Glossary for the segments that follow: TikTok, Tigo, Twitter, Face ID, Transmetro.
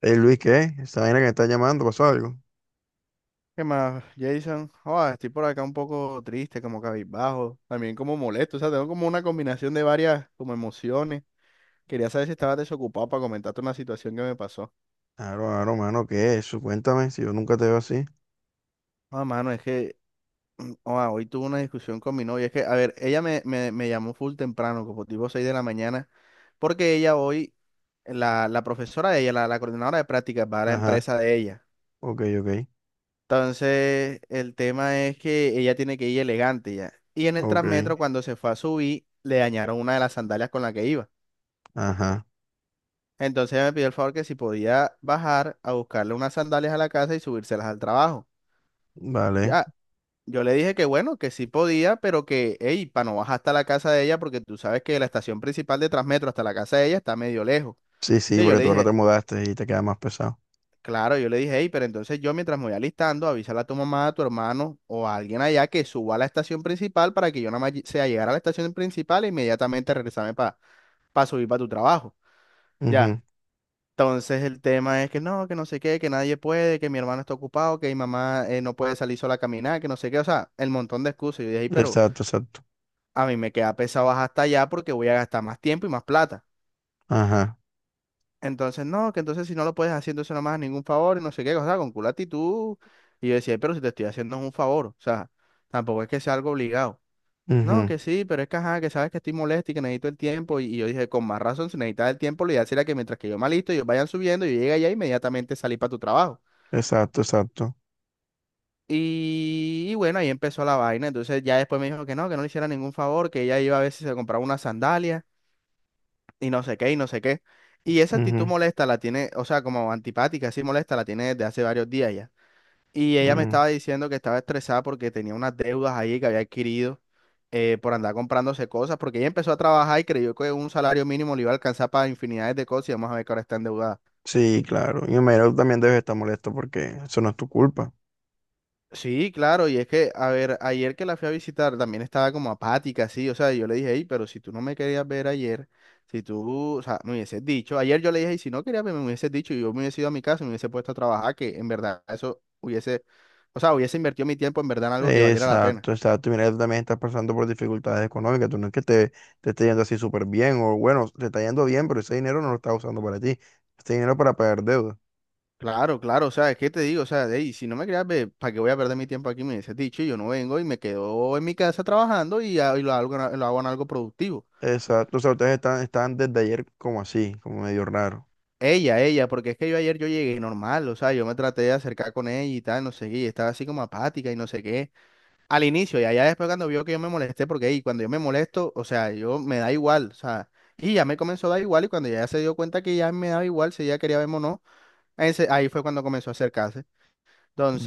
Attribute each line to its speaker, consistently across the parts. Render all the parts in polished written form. Speaker 1: Ey, Luis, ¿qué? Esa vaina que me está llamando, ¿pasó algo?
Speaker 2: ¿Qué más, Jason? Estoy por acá un poco triste, como cabizbajo, también como molesto, o sea, tengo como una combinación de varias como emociones. Quería saber si estabas desocupado para comentarte una situación que me pasó.
Speaker 1: Claro, claro, mano, ¿qué es eso? Cuéntame, si yo nunca te veo así.
Speaker 2: Ah, mano, es que hoy tuve una discusión con mi novia. Es que, a ver, ella me llamó full temprano, como tipo 6 de la mañana, porque ella hoy, la profesora de ella, la coordinadora de prácticas, va a la
Speaker 1: Ajá,
Speaker 2: empresa de ella.
Speaker 1: ok, ok,
Speaker 2: Entonces, el tema es que ella tiene que ir elegante ya. Y en el
Speaker 1: ok,
Speaker 2: Transmetro, cuando se fue a subir, le dañaron una de las sandalias con la que iba.
Speaker 1: ajá,
Speaker 2: Entonces ella me pidió el favor que si podía bajar a buscarle unas sandalias a la casa y subírselas al trabajo.
Speaker 1: vale.
Speaker 2: Ya, yo le dije que bueno, que sí podía, pero que, hey, para no bajar hasta la casa de ella, porque tú sabes que de la estación principal de Transmetro hasta la casa de ella está medio lejos.
Speaker 1: Sí, sí,
Speaker 2: Sí, yo
Speaker 1: porque
Speaker 2: le
Speaker 1: tú ahora te
Speaker 2: dije,
Speaker 1: mudaste y te queda más pesado.
Speaker 2: claro, yo le dije, hey, pero entonces yo mientras me voy alistando, avísale a tu mamá, a tu hermano o a alguien allá que suba a la estación principal para que yo nada más sea llegar a la estación principal e inmediatamente regresarme para subir para tu trabajo. Ya.
Speaker 1: Ujú,
Speaker 2: Entonces el tema es que no sé qué, que nadie puede, que mi hermano está ocupado, que mi mamá no puede salir sola a caminar, que no sé qué, o sea, el montón de excusas. Yo dije, "Ey, pero
Speaker 1: exacto, exacto,
Speaker 2: a mí me queda pesado bajar hasta allá porque voy a gastar más tiempo y más plata.
Speaker 1: ajá,
Speaker 2: Entonces, no, que entonces si no lo puedes hacer, entonces no me hagas ningún favor y no sé qué, o sea, con culo actitud. Y yo decía, pero si te estoy haciendo es un favor, o sea, tampoco es que sea algo obligado. No,
Speaker 1: ujú,
Speaker 2: que sí, pero es que ajá, que sabes que estoy molesto y que necesito el tiempo. Y yo dije, con más razón, si necesitas el tiempo, lo ideal sería que mientras que yo me alisto, ellos vayan subiendo, yo llegue allá inmediatamente salí para tu trabajo.
Speaker 1: exacto, exacto,
Speaker 2: Y bueno, ahí empezó la vaina. Entonces ya después me dijo que no le hiciera ningún favor, que ella iba a ver si se compraba unas sandalias y no sé qué, y no sé qué. Y esa actitud
Speaker 1: ujú,
Speaker 2: molesta la tiene, o sea, como antipática, así molesta, la tiene desde hace varios días ya. Y ella me
Speaker 1: ujú.
Speaker 2: estaba diciendo que estaba estresada porque tenía unas deudas ahí que había adquirido por andar comprándose cosas, porque ella empezó a trabajar y creyó que un salario mínimo le iba a alcanzar para infinidades de cosas y vamos a ver que ahora está endeudada.
Speaker 1: Sí, claro, y me imagino que tú también debes estar molesto porque eso no es tu culpa.
Speaker 2: Sí, claro, y es que, a ver, ayer que la fui a visitar también estaba como apática, sí, o sea, yo le dije, hey, pero si tú no me querías ver ayer, si tú, o sea, me hubieses dicho, ayer yo le dije, "Ey, si no querías verme, me hubieses dicho, y yo me hubiese ido a mi casa, y me hubiese puesto a trabajar, que en verdad eso hubiese, o sea, hubiese invertido mi tiempo en verdad en algo que valiera la pena.
Speaker 1: Exacto, exacto. Mira, tú también estás pasando por dificultades económicas. Tú no es que te esté yendo así súper bien, o bueno, te está yendo bien, pero ese dinero no lo estás usando para ti. Este dinero para pagar deuda.
Speaker 2: Claro, claro, o sea, es que te digo, o sea, "Ey, si no me querías ver, ¿para qué voy a perder mi tiempo aquí? Me hubieses dicho, y yo no vengo y me quedo en mi casa trabajando y, y lo hago, lo hago en algo productivo.
Speaker 1: Exacto. O sea, ustedes están, están desde ayer como así, como medio raro.
Speaker 2: Porque es que yo ayer yo llegué normal, o sea, yo me traté de acercar con ella y tal, no sé qué, y estaba así como apática y no sé qué, al inicio, y allá después cuando vio que yo me molesté, porque ahí cuando yo me molesto, o sea, yo me da igual, o sea, y ya me comenzó a dar igual, y cuando ya se dio cuenta que ya me daba igual, si ella quería verme o no, ahí fue cuando comenzó a acercarse.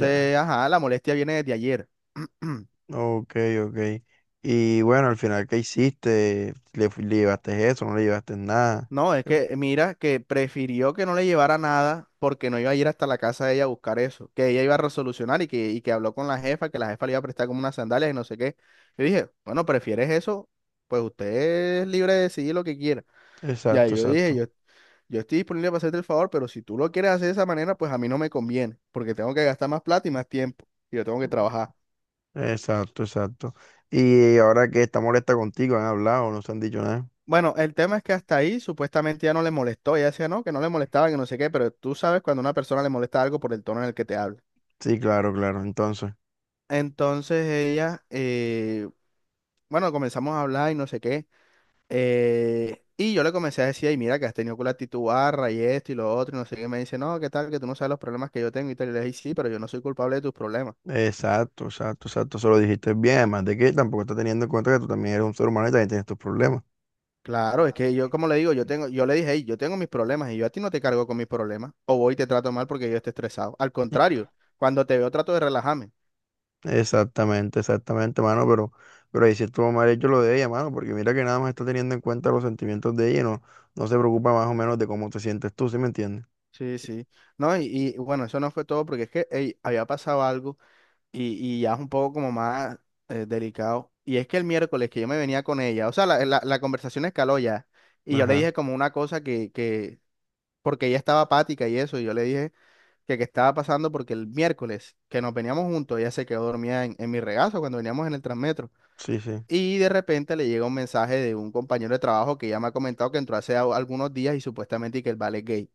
Speaker 1: Ya.
Speaker 2: ajá, la molestia viene desde ayer.
Speaker 1: Ok, ok. Y bueno, al final, ¿qué hiciste? ¿Le, le llevaste eso? ¿No le llevaste nada?
Speaker 2: No, es que mira que prefirió que no le llevara nada porque no iba a ir hasta la casa de ella a buscar eso, que ella iba a resolucionar y que habló con la jefa, que la jefa le iba a prestar como unas sandalias y no sé qué. Yo dije, bueno, ¿prefieres eso? Pues usted es libre de decidir lo que quiera. Ya
Speaker 1: Exacto,
Speaker 2: yo dije,
Speaker 1: exacto.
Speaker 2: yo estoy disponible para hacerte el favor, pero si tú lo quieres hacer de esa manera, pues a mí no me conviene, porque tengo que gastar más plata y más tiempo y yo tengo que trabajar.
Speaker 1: Exacto, exacto. Y ahora que está molesta contigo, ¿han hablado? ¿No se han dicho nada?
Speaker 2: Bueno, el tema es que hasta ahí supuestamente ya no le molestó, ella decía no, que no le molestaba, que no sé qué, pero tú sabes cuando una persona le molesta algo por el tono en el que te habla.
Speaker 1: Sí, claro, claro. Entonces.
Speaker 2: Entonces ella, bueno, comenzamos a hablar y no sé qué. Y yo le comencé a decir, ay, mira, que has tenido con la actitud barra y esto y lo otro, y no sé qué. Me dice, no, ¿qué tal? Que tú no sabes los problemas que yo tengo y tal. Y le dije, sí, pero yo no soy culpable de tus problemas.
Speaker 1: Exacto, exacto, exacto. Eso lo dijiste bien. Además de que tampoco está teniendo en cuenta que tú también eres un ser humano y también tienes tus problemas.
Speaker 2: Claro, es que yo, como le digo, yo tengo, yo le dije, hey, yo tengo mis problemas y yo a ti no te cargo con mis problemas. O voy y te trato mal porque yo esté estresado. Al contrario, cuando te veo trato de relajarme.
Speaker 1: Exactamente, exactamente, mano, pero ahí sí estuvo mal hecho lo de ella, mano, porque mira que nada más está teniendo en cuenta los sentimientos de ella y no, no se preocupa más o menos de cómo te sientes tú, ¿sí me entiendes?
Speaker 2: Sí, sí. No, y bueno, eso no fue todo porque es que, ey, había pasado algo y ya es un poco como más delicado. Y es que el miércoles que yo me venía con ella, o sea, la conversación escaló ya. Y yo le
Speaker 1: Ajá,
Speaker 2: dije como una cosa porque ella estaba apática y eso, y yo le dije que qué estaba pasando porque el miércoles que nos veníamos juntos, ella se quedó dormida en mi regazo cuando veníamos en el Transmetro.
Speaker 1: sí, sí,
Speaker 2: Y de repente le llega un mensaje de un compañero de trabajo que ya me ha comentado que entró hace algunos días y supuestamente y que el vale es gay.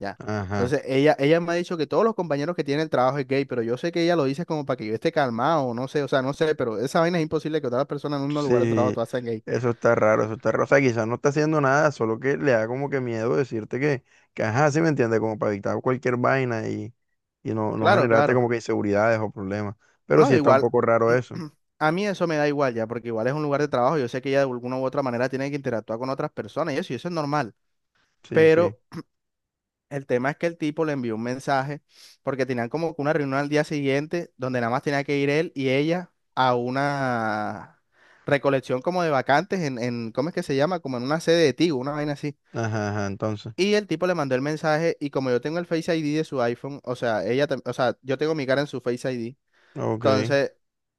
Speaker 2: Ya.
Speaker 1: ajá.
Speaker 2: Entonces, ella me ha dicho que todos los compañeros que tienen el trabajo es gay, pero yo sé que ella lo dice como para que yo esté calmado, no sé, o sea, no sé, pero esa vaina es imposible que otras personas en un mismo lugar de trabajo
Speaker 1: Sí,
Speaker 2: todas sean gay.
Speaker 1: eso está raro, eso está raro. O sea, quizás no está haciendo nada, solo que le da como que miedo decirte que ajá, sí me entiende, como para evitar cualquier vaina y no, no
Speaker 2: Claro,
Speaker 1: generarte
Speaker 2: claro.
Speaker 1: como que inseguridades o problemas. Pero sí
Speaker 2: No,
Speaker 1: está un
Speaker 2: igual,
Speaker 1: poco raro eso.
Speaker 2: a mí eso me da igual ya, porque igual es un lugar de trabajo, yo sé que ella de alguna u otra manera tiene que interactuar con otras personas y eso es normal.
Speaker 1: Sí, sí.
Speaker 2: Pero el tema es que el tipo le envió un mensaje porque tenían como que una reunión al día siguiente donde nada más tenía que ir él y ella a una recolección como de vacantes en ¿cómo es que se llama? Como en una sede de Tigo, una vaina así.
Speaker 1: Ajá, ajá, entonces.
Speaker 2: Y el tipo le mandó el mensaje y como yo tengo el Face ID de su iPhone, o sea, o sea, yo tengo mi cara en su Face ID.
Speaker 1: Ok.
Speaker 2: Entonces,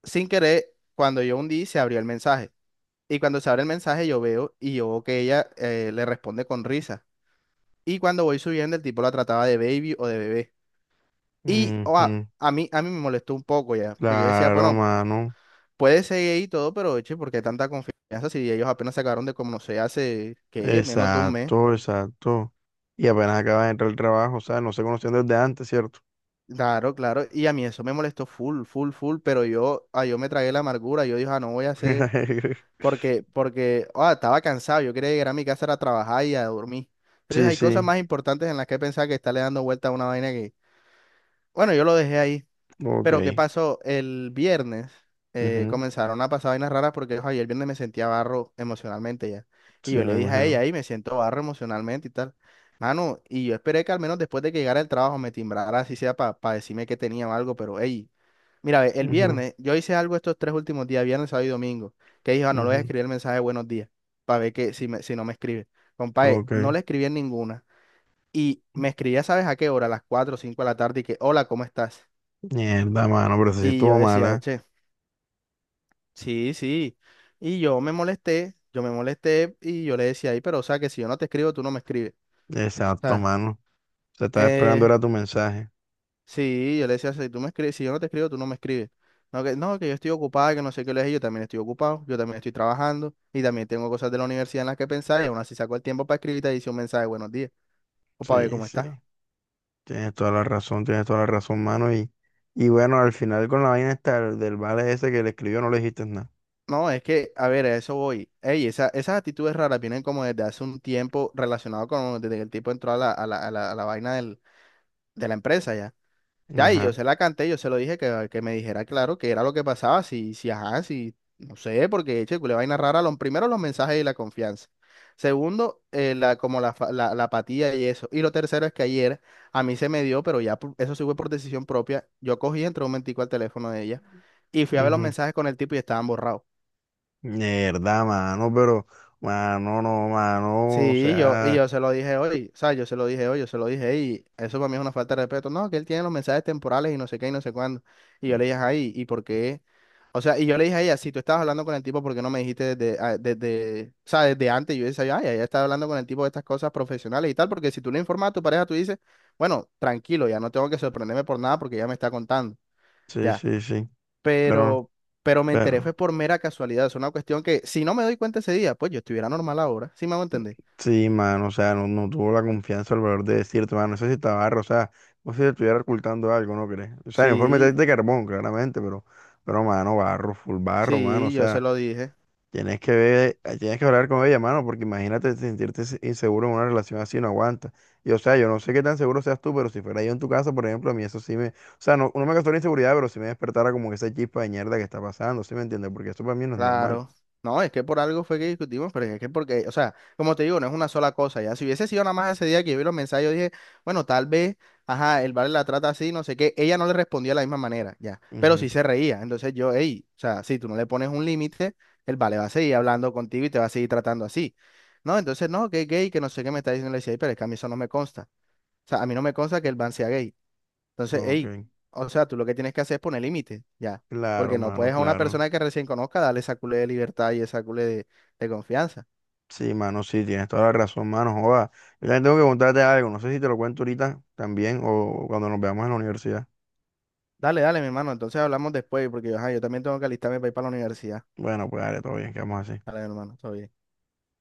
Speaker 2: sin querer, cuando yo hundí, se abrió el mensaje. Y cuando se abre el mensaje, yo veo y yo veo que ella le responde con risa. Y cuando voy subiendo, el tipo la trataba de baby o de bebé. Y
Speaker 1: Ujú.
Speaker 2: a mí me molestó un poco ya, porque yo decía,
Speaker 1: Claro,
Speaker 2: bueno,
Speaker 1: mano.
Speaker 2: puede seguir ahí y todo, pero eche, ¿por qué tanta confianza si ellos apenas se acabaron de conocer hace, ¿qué? Menos de un mes.
Speaker 1: Exacto, exacto. Y apenas acaba de entrar al trabajo, o sea, no se conocían desde antes, ¿cierto?
Speaker 2: Claro, claro. Y a mí eso me molestó full, full, full, pero yo, yo me tragué la amargura, yo dije, ah, no voy a hacer, estaba cansado, yo quería llegar a mi casa a trabajar y a dormir. Entonces
Speaker 1: Sí,
Speaker 2: hay cosas
Speaker 1: sí.
Speaker 2: más importantes en las que pensar que estarle dando vuelta a una vaina que, bueno, yo lo dejé ahí. Pero ¿qué
Speaker 1: Ok.
Speaker 2: pasó? El viernes
Speaker 1: Ujú.
Speaker 2: comenzaron a pasar vainas raras porque ojo, yo el viernes me sentía barro emocionalmente ya. Y
Speaker 1: Sí,
Speaker 2: yo
Speaker 1: me
Speaker 2: le dije a ella,
Speaker 1: imagino.
Speaker 2: ahí me siento barro emocionalmente y tal. Mano, y yo esperé que al menos después de que llegara el trabajo me timbrara, así sea para decirme que tenía o algo, pero hey, mira, ve, el
Speaker 1: Ujú.
Speaker 2: viernes, yo hice algo estos tres últimos días, viernes, sábado y domingo, que dije, ah, no le voy a
Speaker 1: Ujú,
Speaker 2: escribir el mensaje de buenos días, para ver que si, si no me escribe. Compadre, no
Speaker 1: ok.
Speaker 2: le escribí en ninguna. Y me escribía, ¿sabes a qué hora? A las 4 o 5 de la tarde y que, hola, ¿cómo estás?
Speaker 1: Mierda, mano, pero sí
Speaker 2: Y yo
Speaker 1: estuvo
Speaker 2: decía,
Speaker 1: mala.
Speaker 2: eche. Sí, sí. Y yo me molesté y yo le decía ahí, pero o sea, que si yo no te escribo, tú no me escribes. O
Speaker 1: Exacto,
Speaker 2: sea,
Speaker 1: mano. Se estaba esperando
Speaker 2: eh,
Speaker 1: era tu mensaje.
Speaker 2: sí, yo le decía, si tú me escribes, si yo no te escribo, tú no me escribes. No, que, no, que yo estoy ocupada, que no sé qué le dije, yo también estoy ocupado, yo también estoy trabajando y también tengo cosas de la universidad en las que pensar y aún así saco el tiempo para escribirte y dice un mensaje, buenos días, o para ver
Speaker 1: Sí,
Speaker 2: cómo
Speaker 1: sí.
Speaker 2: estás.
Speaker 1: Tienes toda la razón, tienes toda la razón, mano. Y bueno, al final con la vaina esta del vale ese que le escribió no le dijiste nada.
Speaker 2: No, es que, a ver, a eso voy. Ey, esa, esas actitudes raras vienen como desde hace un tiempo relacionado con, desde que el tipo entró a la vaina del, de la empresa ya. Ya, y yo
Speaker 1: Ajá.
Speaker 2: se la canté, yo se lo dije que me dijera claro que era lo que pasaba, si, si, ajá, si, no sé, porque eche, le vaina rara, lo, primero los mensajes y la confianza. Segundo, la, como la, la, la apatía y eso. Y lo tercero es que ayer a mí se me dio, pero ya eso sí fue por decisión propia, yo cogí, entré un momentico al teléfono de ella y fui a ver los
Speaker 1: Ujú.
Speaker 2: mensajes con el tipo y estaban borrados.
Speaker 1: Mierda, mano, pero, mano, no, mano, o
Speaker 2: Sí, yo, y
Speaker 1: sea,
Speaker 2: yo se lo dije hoy, o sea, yo se lo dije hoy, yo se lo dije, y eso para mí es una falta de respeto. No, que él tiene los mensajes temporales y no sé qué y no sé cuándo. Y yo le dije, ay, ¿y por qué? O sea, y yo le dije a ella, si tú estabas hablando con el tipo, ¿por qué no me dijiste desde, desde, o sea, desde antes? Yo decía, ay, ella está hablando con el tipo de estas cosas profesionales y tal, porque si tú le informas a tu pareja, tú dices, bueno, tranquilo, ya no tengo que sorprenderme por nada porque ya me está contando,
Speaker 1: sí,
Speaker 2: ya.
Speaker 1: sí, sí. Pero,
Speaker 2: Pero, pero me enteré fue
Speaker 1: pero.
Speaker 2: por mera casualidad, es una cuestión que si no me doy cuenta ese día, pues yo estuviera normal ahora, ¿sí me hago entender?
Speaker 1: Sí, mano, o sea, no, no tuvo la confianza o el valor de decirte, mano, eso sí está barro, o sea, no sé si te estuviera ocultando algo, ¿no crees? O sea, el informe está
Speaker 2: Sí,
Speaker 1: de carbón, claramente, pero, mano, barro, full barro, mano, o
Speaker 2: sí, yo se
Speaker 1: sea,
Speaker 2: lo dije,
Speaker 1: tienes que ver, tienes que hablar con ella, mano, porque imagínate sentirte inseguro en una relación así, no aguanta. Y, o sea, yo no sé qué tan seguro seas tú, pero si fuera yo en tu casa, por ejemplo, a mí eso sí me, o sea, no, no me causó la inseguridad, pero sí me despertara como que esa chispa de mierda que está pasando, ¿sí me entiendes? Porque eso para mí no es normal.
Speaker 2: claro. No, es que por algo fue que discutimos, pero es que porque, o sea, como te digo, no es una sola cosa, ya. Si hubiese sido nada más ese día que yo vi los mensajes, yo dije, bueno, tal vez, ajá, el vale la trata así, no sé qué. Ella no le respondía de la misma manera, ya. Pero
Speaker 1: Ujú,
Speaker 2: sí se reía. Entonces yo, hey, o sea, si tú no le pones un límite, el vale va a seguir hablando contigo y te va a seguir tratando así. No, entonces no, que es gay, que no sé qué me está diciendo. Le decía, "Ey, pero es que a mí eso no me consta. O sea, a mí no me consta que el van sea gay. Entonces,
Speaker 1: ok,
Speaker 2: hey, o sea, tú lo que tienes que hacer es poner límites, ya.
Speaker 1: claro,
Speaker 2: Porque no
Speaker 1: mano,
Speaker 2: puedes a una
Speaker 1: claro.
Speaker 2: persona que recién conozca darle esa culé de libertad y esa culé de confianza.
Speaker 1: Sí, mano, sí, tienes toda la razón, mano. Joda. Yo también tengo que contarte algo. No sé si te lo cuento ahorita también o cuando nos veamos en la universidad.
Speaker 2: Dale, dale, mi hermano. Entonces hablamos después, porque ajá, yo también tengo que alistarme para ir para la universidad.
Speaker 1: Bueno, pues dale, todo bien, quedamos así.
Speaker 2: Dale, mi hermano. Todo bien.